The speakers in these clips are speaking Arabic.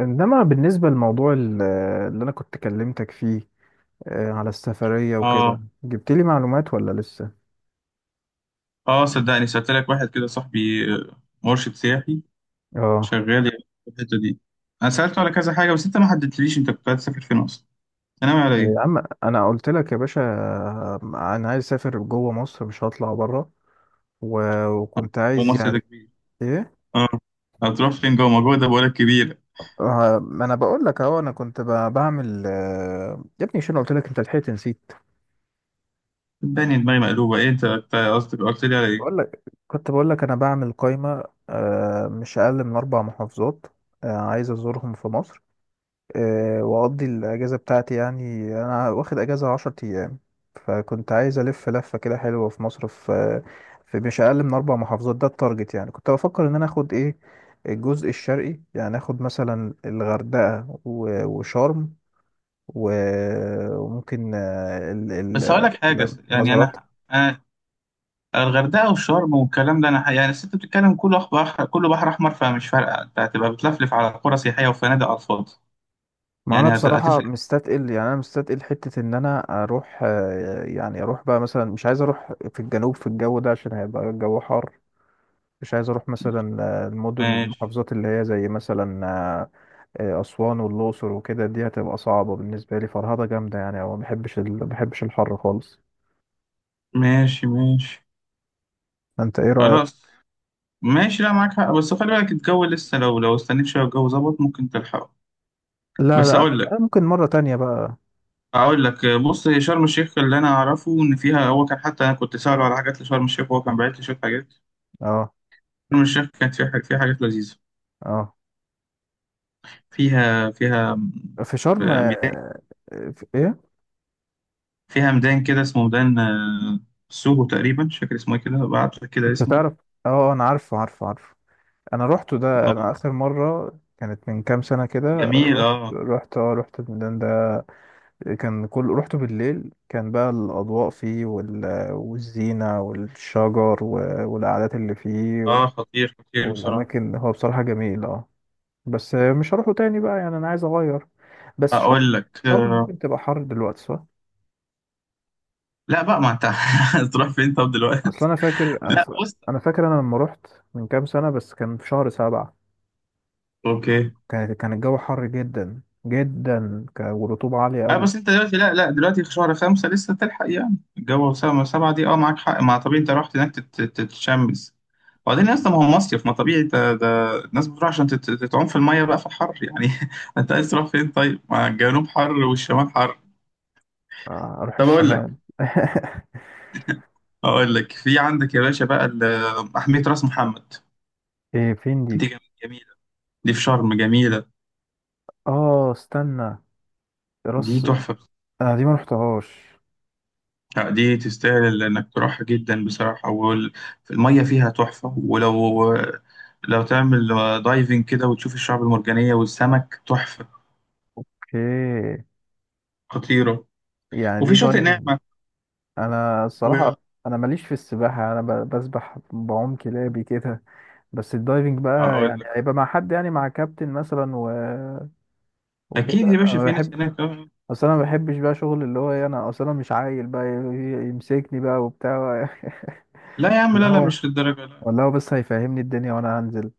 انما بالنسبه لموضوع اللي انا كنت كلمتك فيه على السفريه وكده، اه جبت لي معلومات ولا لسه؟ اه، صدقني سألت لك واحد كده صاحبي، مرشد سياحي اه، شغال يعني في الحتة دي. انا سألته على كذا حاجة، بس انت ما حددتليش. انت كنت عايز تسافر فين اصلا؟ انت ناوي على يا ايه؟ عم انا قلت لك يا باشا، انا عايز اسافر جوه مصر، مش هطلع بره. و- وكنت هو عايز مصر ده يعني كبير. ايه. اه، هتروح فين؟ جوه ما جوه ده بقولك كبيرة. ما انا بقول لك اهو، انا كنت بعمل يا ابني شنو قلت لك، انت لحقت نسيت. صدقني دماغي مقلوبة، ايه انت قصدك قلت لي على ايه؟ بقول لك، كنت بقول لك انا بعمل قائمه، مش اقل من 4 محافظات عايز ازورهم في مصر، واقضي الاجازه بتاعتي. يعني انا واخد اجازه 10 ايام، فكنت عايز الف لفه كده حلوه في مصر، في مش اقل من اربع محافظات. ده التارجت. يعني كنت بفكر ان انا اخد ايه، الجزء الشرقي، يعني اخد مثلا الغردقه و- وشرم و- وممكن بس هقول لك حاجة، يعني المزارات. انا الغردقة والشرم والكلام ده انا يعني الست بتتكلم كله بحر، كله بحر احمر، فمش فارقة. انت هتبقى بتلفلف على قرى سياحية وفنادق على الفاضي، ما انا يعني بصراحه هتفرق. مستثقل، يعني انا مستثقل حته ان انا اروح يعني اروح بقى مثلا، مش عايز اروح في الجنوب في الجو ده عشان هيبقى الجو حار. مش عايز اروح مثلا المدن، ماشي المحافظات اللي هي زي مثلا اسوان والاقصر وكده، دي هتبقى صعبه بالنسبه لي، فرهضه جامده يعني، او ما بحبش ما بحبش الحر خالص. ماشي ماشي. انت ايه رايك؟ خلاص ماشي. لا معاك حق، بس خلي بالك الجو لسه، لو استنيت شويه الجو ظبط ممكن تلحقه. لا بس لا، اقول لك أنا ممكن مره تانية بقى. اقول لك بص، هي شرم الشيخ اللي انا اعرفه ان فيها، هو كان، حتى انا كنت ساله على حاجات لشرم الشيخ وهو كان باعت لي شويه حاجات. اه. شرم الشيخ كانت فيها حاجات لذيذه. اه، فيها في شرم. ميدان، في ايه؟ فيها ميدان كده اسمه ميدان سوهو تقريبا، مش فاكر اسمه ايه كده، بعت لك كده انت اسمه. تعرف. اه انا عارفه عارفه. انا روحته ده، انا اه اخر مره كانت من كام سنه كده، جميل، رحت اه. رحت اه رحت الميدان ده. كان كل رحته بالليل، كان بقى الأضواء فيه والزينة والشجر و... والقعدات اللي فيه و... اه، خطير خطير بصراحه. والأماكن. هو بصراحة جميل اه. بس مش هروحه تاني بقى، يعني أنا عايز أغير. بس شرم، اقول لك، شرم ممكن تبقى حر دلوقتي صح؟ لا بقى، ما انت هتروح فين طب أصل دلوقتي؟ أنا فاكر، لا، بص. أنا فاكر أنا لما رحت من كام سنة، بس كان في شهر 7، اوكي. كان كان الجو حر جدا جدا، والرطوبة عالية اه، قوي. بس انت دلوقتي، لا لا، دلوقتي في شهر خمسة لسه تلحق، يعني الجو سبعة سبعة دي، اه معاك حق. ما طبيعي انت رحت هناك تتشمس، وبعدين اصلا ما هو مصيف، ما طبيعي ده. الناس بتروح عشان تتعوم في المية بقى في الحر يعني انت عايز تروح فين طيب؟ ما الجنوب حر والشمال حر. أروح طب اقول الشمال لك اقول لك في عندك يا باشا بقى محمية راس محمد. إيه فين دي؟ دي جم- جميلة، دي في شرم، جميلة. آه استنى، دي راس. تحفة. انا دي ما رحتهاش. لا دي تستاهل انك تروحها جدا بصراحة، المية فيها تحفة. ولو لو تعمل دايفنج كده وتشوف الشعب المرجانية والسمك، تحفة، اوكي. خطيرة. يعني وفي دي شاطئ دايفنج. نعمة انا و... الصراحه، انا ماليش في السباحه، انا بسبح بعوم كلابي كده، بس الدايفنج بقى اقول يعني لك، هيبقى مع حد، يعني مع كابتن مثلا و... اكيد وكده، يا باشا انا في ناس بحب. هناك اصل انا ما بحبش بقى شغل اللي هو إيه، انا اصل انا مش عايل بقى يمسكني بقى وبتاع لا يا عم، ولا لا لا، هو، مش للدرجة لا. ولا هو بس هيفهمني الدنيا وانا هنزل.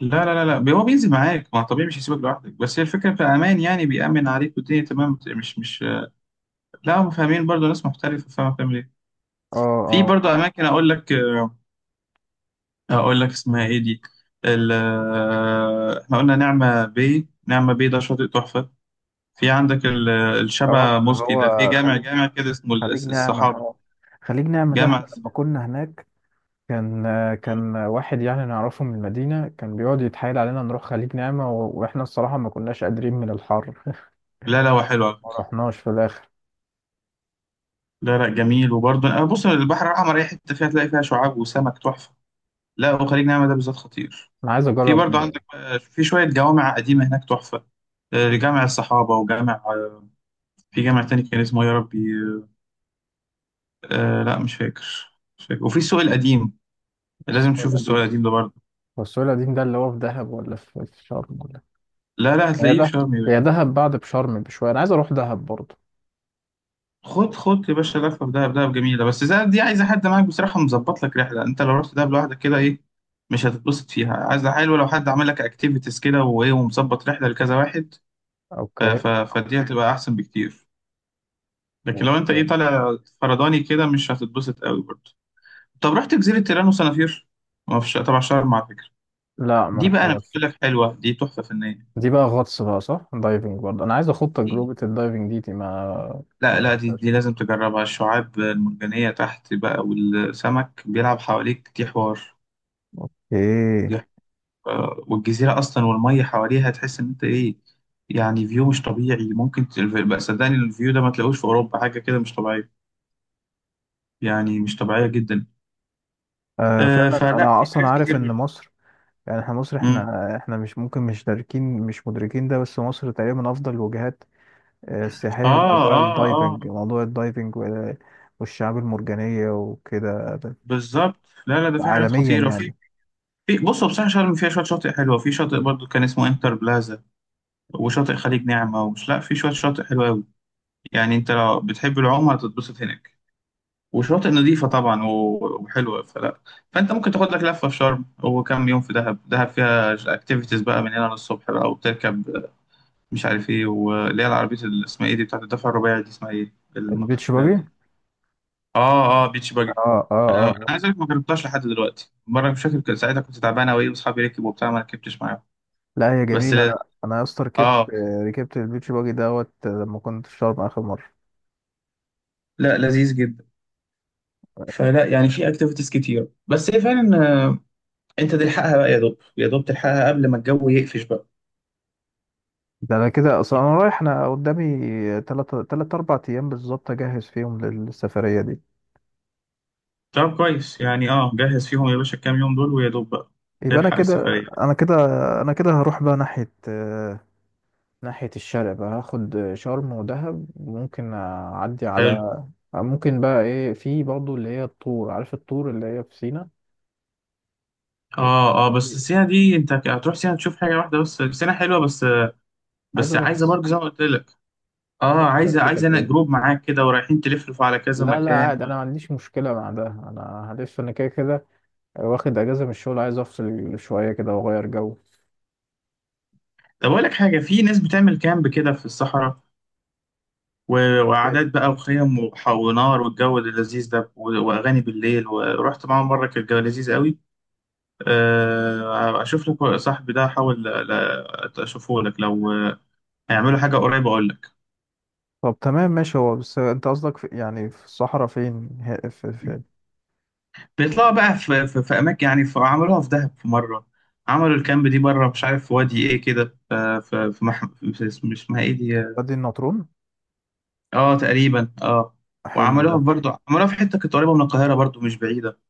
لا لا لا, لا. هو بينزل معاك، ما طبيعي مش هيسيبك لوحدك. بس هي الفكرة في امان، يعني بيأمن عليك والدنيا تمام، مش لا هم فاهمين برضه، ناس محترفة فاهمة بتعمل ايه. اه في اه، برضه اماكن، اقول لك اقول لك اسمها ايه دي، ال- احنا قلنا نعمة بيه. نعمة بيه ده شاطئ تحفة. في عندك اه الشبع اللي موسكي ده، في هو جامع، خليج، جامع كده اسمه خليج نعمة السحابة، اه. خليج نعمة ده، جامع احنا لما السحابة. كنا هناك، كان كان واحد يعني نعرفه من المدينة، كان بيقعد يتحايل علينا نروح خليج نعمة، و- واحنا الصراحة ما كناش قادرين من الحر، لا لا هو حلو على ما فكرة. رحناش في الآخر. لا لا جميل، وبرضه أنا بص، البحر الأحمر أي حتة فيها تلاقي فيها شعاب وسمك تحفة. لا وخليج نعمة ده بالذات خطير. أنا عايز في أجرب. برضه عندك في شوية جوامع قديمة هناك تحفة، جامع الصحابة، وجامع في جامع تاني كان اسمه إيه يا ربي، لا مش فاكر، مش فاكر. وفي السوق القديم، لازم السوق تشوف السؤال القديم، القديم ده برضه. هو السوق القديم ده اللي هو في دهب ولا في في شرم ولا؟ لا لا هي هتلاقيه في ده، شرم يا هي باشا. دهب بعد بشرم بشوية، أنا عايز أروح دهب برضه. خد خد يا باشا لفه في دهب، دهب جميله. بس دهب دي عايزه حد معاك بصراحه، مظبط لك رحله. انت لو رحت دهب لوحدك كده ايه، مش هتتبسط فيها. عايزه حلوه، لو حد عمل لك اكتيفيتيز كده وايه، ومظبط رحله لكذا واحد، ف أوكي. ف فدي هتبقى احسن بكتير. لكن لو انت ايه أوكي. طالع فرداني كده مش هتتبسط قوي برضه. طب رحت جزيره تيران وصنافير؟ ما فيش طبعا شرم على فكره. لا ما دي بقى انا رحتهاش. بقول لك حلوه، دي تحفه فنيه. دي بقى غطس بقى صح، دايفنج برضه، أنا عايز أخد تجربة الدايفنج دي، دي ما، ما لا لا دي عملتهاش. دي لازم تجربها، الشعاب المرجانية تحت بقى والسمك بيلعب حواليك، دي حوار. إيه. دي ح- والجزيرة أصلا والمية حواليها، تحس إن أنت إيه، يعني فيو مش طبيعي. ممكن بقى صدقني الفيو ده ما تلاقوش في أوروبا، حاجة كده مش طبيعية، يعني مش طبيعية جدا. آه آه فعلا فلا أنا في أصلا حاجات عارف كتير. إن مصر، يعني احنا مصر، امم. احنا مش ممكن، مش مدركين ده، بس مصر تقريبا من افضل الوجهات آه السياحيه لموضوع آه آه آه. الدايفنج، موضوع الدايفنج والشعاب المرجانيه وكده، ده بالظبط. لا لا، ده في حاجات عالميا خطيرة. في، يعني. في بصوا بصراحة، شرم فيها شوية شاطئ حلوة. في شاطئ برضو كان اسمه انتر بلازا، وشاطئ خليج نعمة، لا في شوية شاطئ حلوة أوي. يعني انت لو بتحب العوم هتتبسط هناك. وشواطئ نظيفة طبعا و- وحلوة، فلا، فانت ممكن تاخد لك لفة في شرم وكم يوم في دهب. دهب فيها اكتيفيتيز بقى من هنا للصبح، بقى وبتركب مش عارف ايه، واللي هي العربية اللي اسمها ايه دي، بتاعت الدفع الرباعي دي، اسمها ايه البيتش الموتوسيكلات باجي. دي. اه اه، بيتش اه باجي. اه انا اه، عايز اقول لك، ما جربتهاش لحد دلوقتي. مرة مش فاكر كان ساعتها كنت تعبان اوي واصحابي ركبوا وبتاع ما ركبتش معاهم. لا هي بس جميله. لا، انا، انا يا اسطى ركبت اه، ركبت البيتش باجي دوت لما كنت في شرم اخر مره. لا لذيذ جدا. فلا يعني في اكتيفيتيز كتير، بس هي فعلا انت تلحقها بقى، يا دوب يا دوب تلحقها قبل ما الجو يقفش بقى. ده انا كده اصلا انا رايح، انا قدامي تلات اربع ايام بالظبط اجهز فيهم للسفريه دي. طب كويس يعني، اه جهز فيهم يا باشا الكام يوم دول، ويا دوب بقى يبقى انا تلحق كده، السفرية. انا كده انا كده هروح بقى ناحيه ناحية الشرق بقى، هاخد شرم ودهب وممكن أعدي حلو. على، ممكن بقى إيه، في برضه اللي هي الطور، عارف الطور اللي هي في سينا. اه اه، بس السينا دي انت هتروح سينا تشوف حاجة واحدة بس، سينا حلوة بس، عايز بس أروح عايزة برضه زي ما قلت لك. اه عايز أروح عايزة، سانت انا كاترين. جروب معاك كده ورايحين تلفلفوا على كذا لا لا مكان عادي، و... أنا ما عنديش مشكلة مع ده، أنا هلف أنا كده كده واخد أجازة من الشغل، عايز أفصل شوية كده وأغير جو. طب اقول لك حاجة، في ناس بتعمل كامب كده في الصحراء، و... وقعدات بقى وخيم ونار والجو اللذيذ ده، و... واغاني بالليل. ورحت معاهم مرة كان الجو لذيذ قوي. اشوف لك صاحبي ده، احاول اشوفه لك لو هيعملوا حاجه قريبه، اقول لك. طب تمام ماشي، هو بس انت قصدك في، يعني في الصحراء فين، في في بيطلعوا بقى في اماكن، يعني في عملوها في دهب في مره. عملوا الكامب دي بره، مش عارف في وادي ايه كده، في في, في, مح... في اسم- اسمها ايه دي. وادي النطرون؟ اه تقريبا، اه. حلو ده. وعملوها برضه، عملوها في حته كانت قريبه من القاهره برضه، مش بعيده.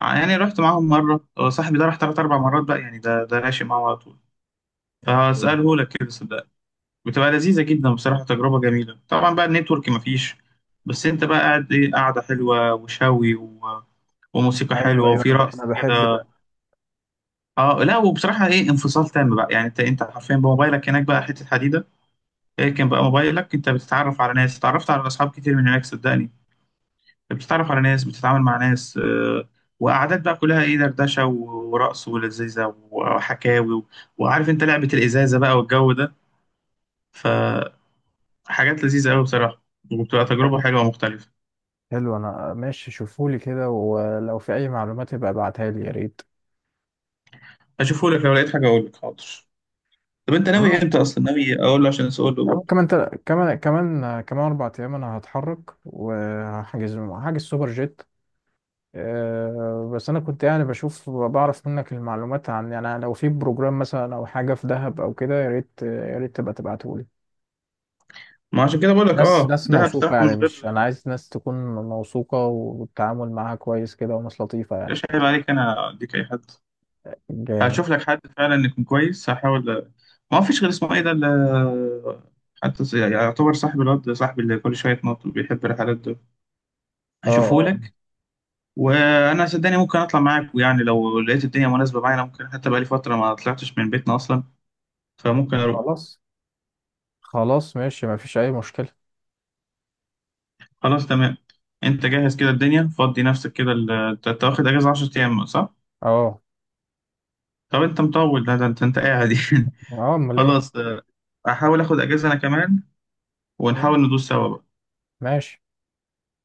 يعني رحت معاهم مره، صاحبي ده راح ثلاث اربع مرات بقى، يعني ده راشي معاه على طول، فهساله لك كده، صدقني. بتبقى لذيذة جدا بصراحة، تجربة جميلة. طبعا بقى النتورك مفيش، بس انت بقى قاعد ايه، قاعدة حلوة وشوي و... وموسيقى ايوه حلوة، ايوه، انا وفي انا رقص بحب كده. اه لا وبصراحة ايه، انفصال تام بقى. يعني انت حرفيا بموبايلك هناك بقى حتة حديدة. اركن بقى موبايلك، انت بتتعرف على ناس، اتعرفت على اصحاب كتير من هناك صدقني. بتتعرف على ناس، بتتعامل مع ناس وقعدات بقى كلها ايه، دردشة و- ورقص، ولذيذة وحكاوي و... وعارف انت لعبة الإزازة بقى والجو ده، ف... حاجات لذيذة أوي بصراحة، وبتبقى ده. تجربة حلوة ومختلفة. حلو، انا ماشي، شوفولي كده ولو في اي معلومات يبقى ابعتها لي يا ريت. هشوفهولك لو لقيت حاجة أقولك، حاضر. طب أنت ناوي كمان، إمتى أصلا، ناوي أقول له عشان أسأله برضه. كمان 4 ايام انا هتحرك، هحجز سوبر جيت. أه بس انا كنت يعني بشوف بعرف منك المعلومات، عن يعني لو في بروجرام مثلا او حاجه في دهب او كده، يا ريت، يا ريت تبقى تبعته لي. ما عشان كده بقولك، أه ناس ده بصراحة موثوقه من يعني، مش غير، انا عايز ناس تكون موثوقه والتعامل معاها كويس كده، وناس لطيفه يعني. مش عيب عليك، أنا أديك أي حد؟ جامد. هشوف لك حد فعلا يكون كويس، هحاول. ما فيش غير اسمه إيه ده حتى يعني يعتبر صاحب الواد ده، صاحبي اللي كل شوية يتنطط بيحب الرحلات ده، اه اه. هشوفهولك. وأنا صدقني ممكن أطلع معاك، ويعني لو لقيت الدنيا مناسبة معايا أنا ممكن، حتى بقالي فترة ما طلعتش من بيتنا أصلا، فممكن أروح. خلاص، خلاص ماشي، مفيش اي مشكله. خلاص تمام. انت جهز كده الدنيا، فضي نفسك كده، انت واخد اجازه 10 ايام صح؟ اه طب انت مطول، ده انت قاعد يعني. اه، امال ايه. خلاص هحاول اخد اجازه انا كمان، ونحاول ماشي. ندوس سوا بقى. ماشي.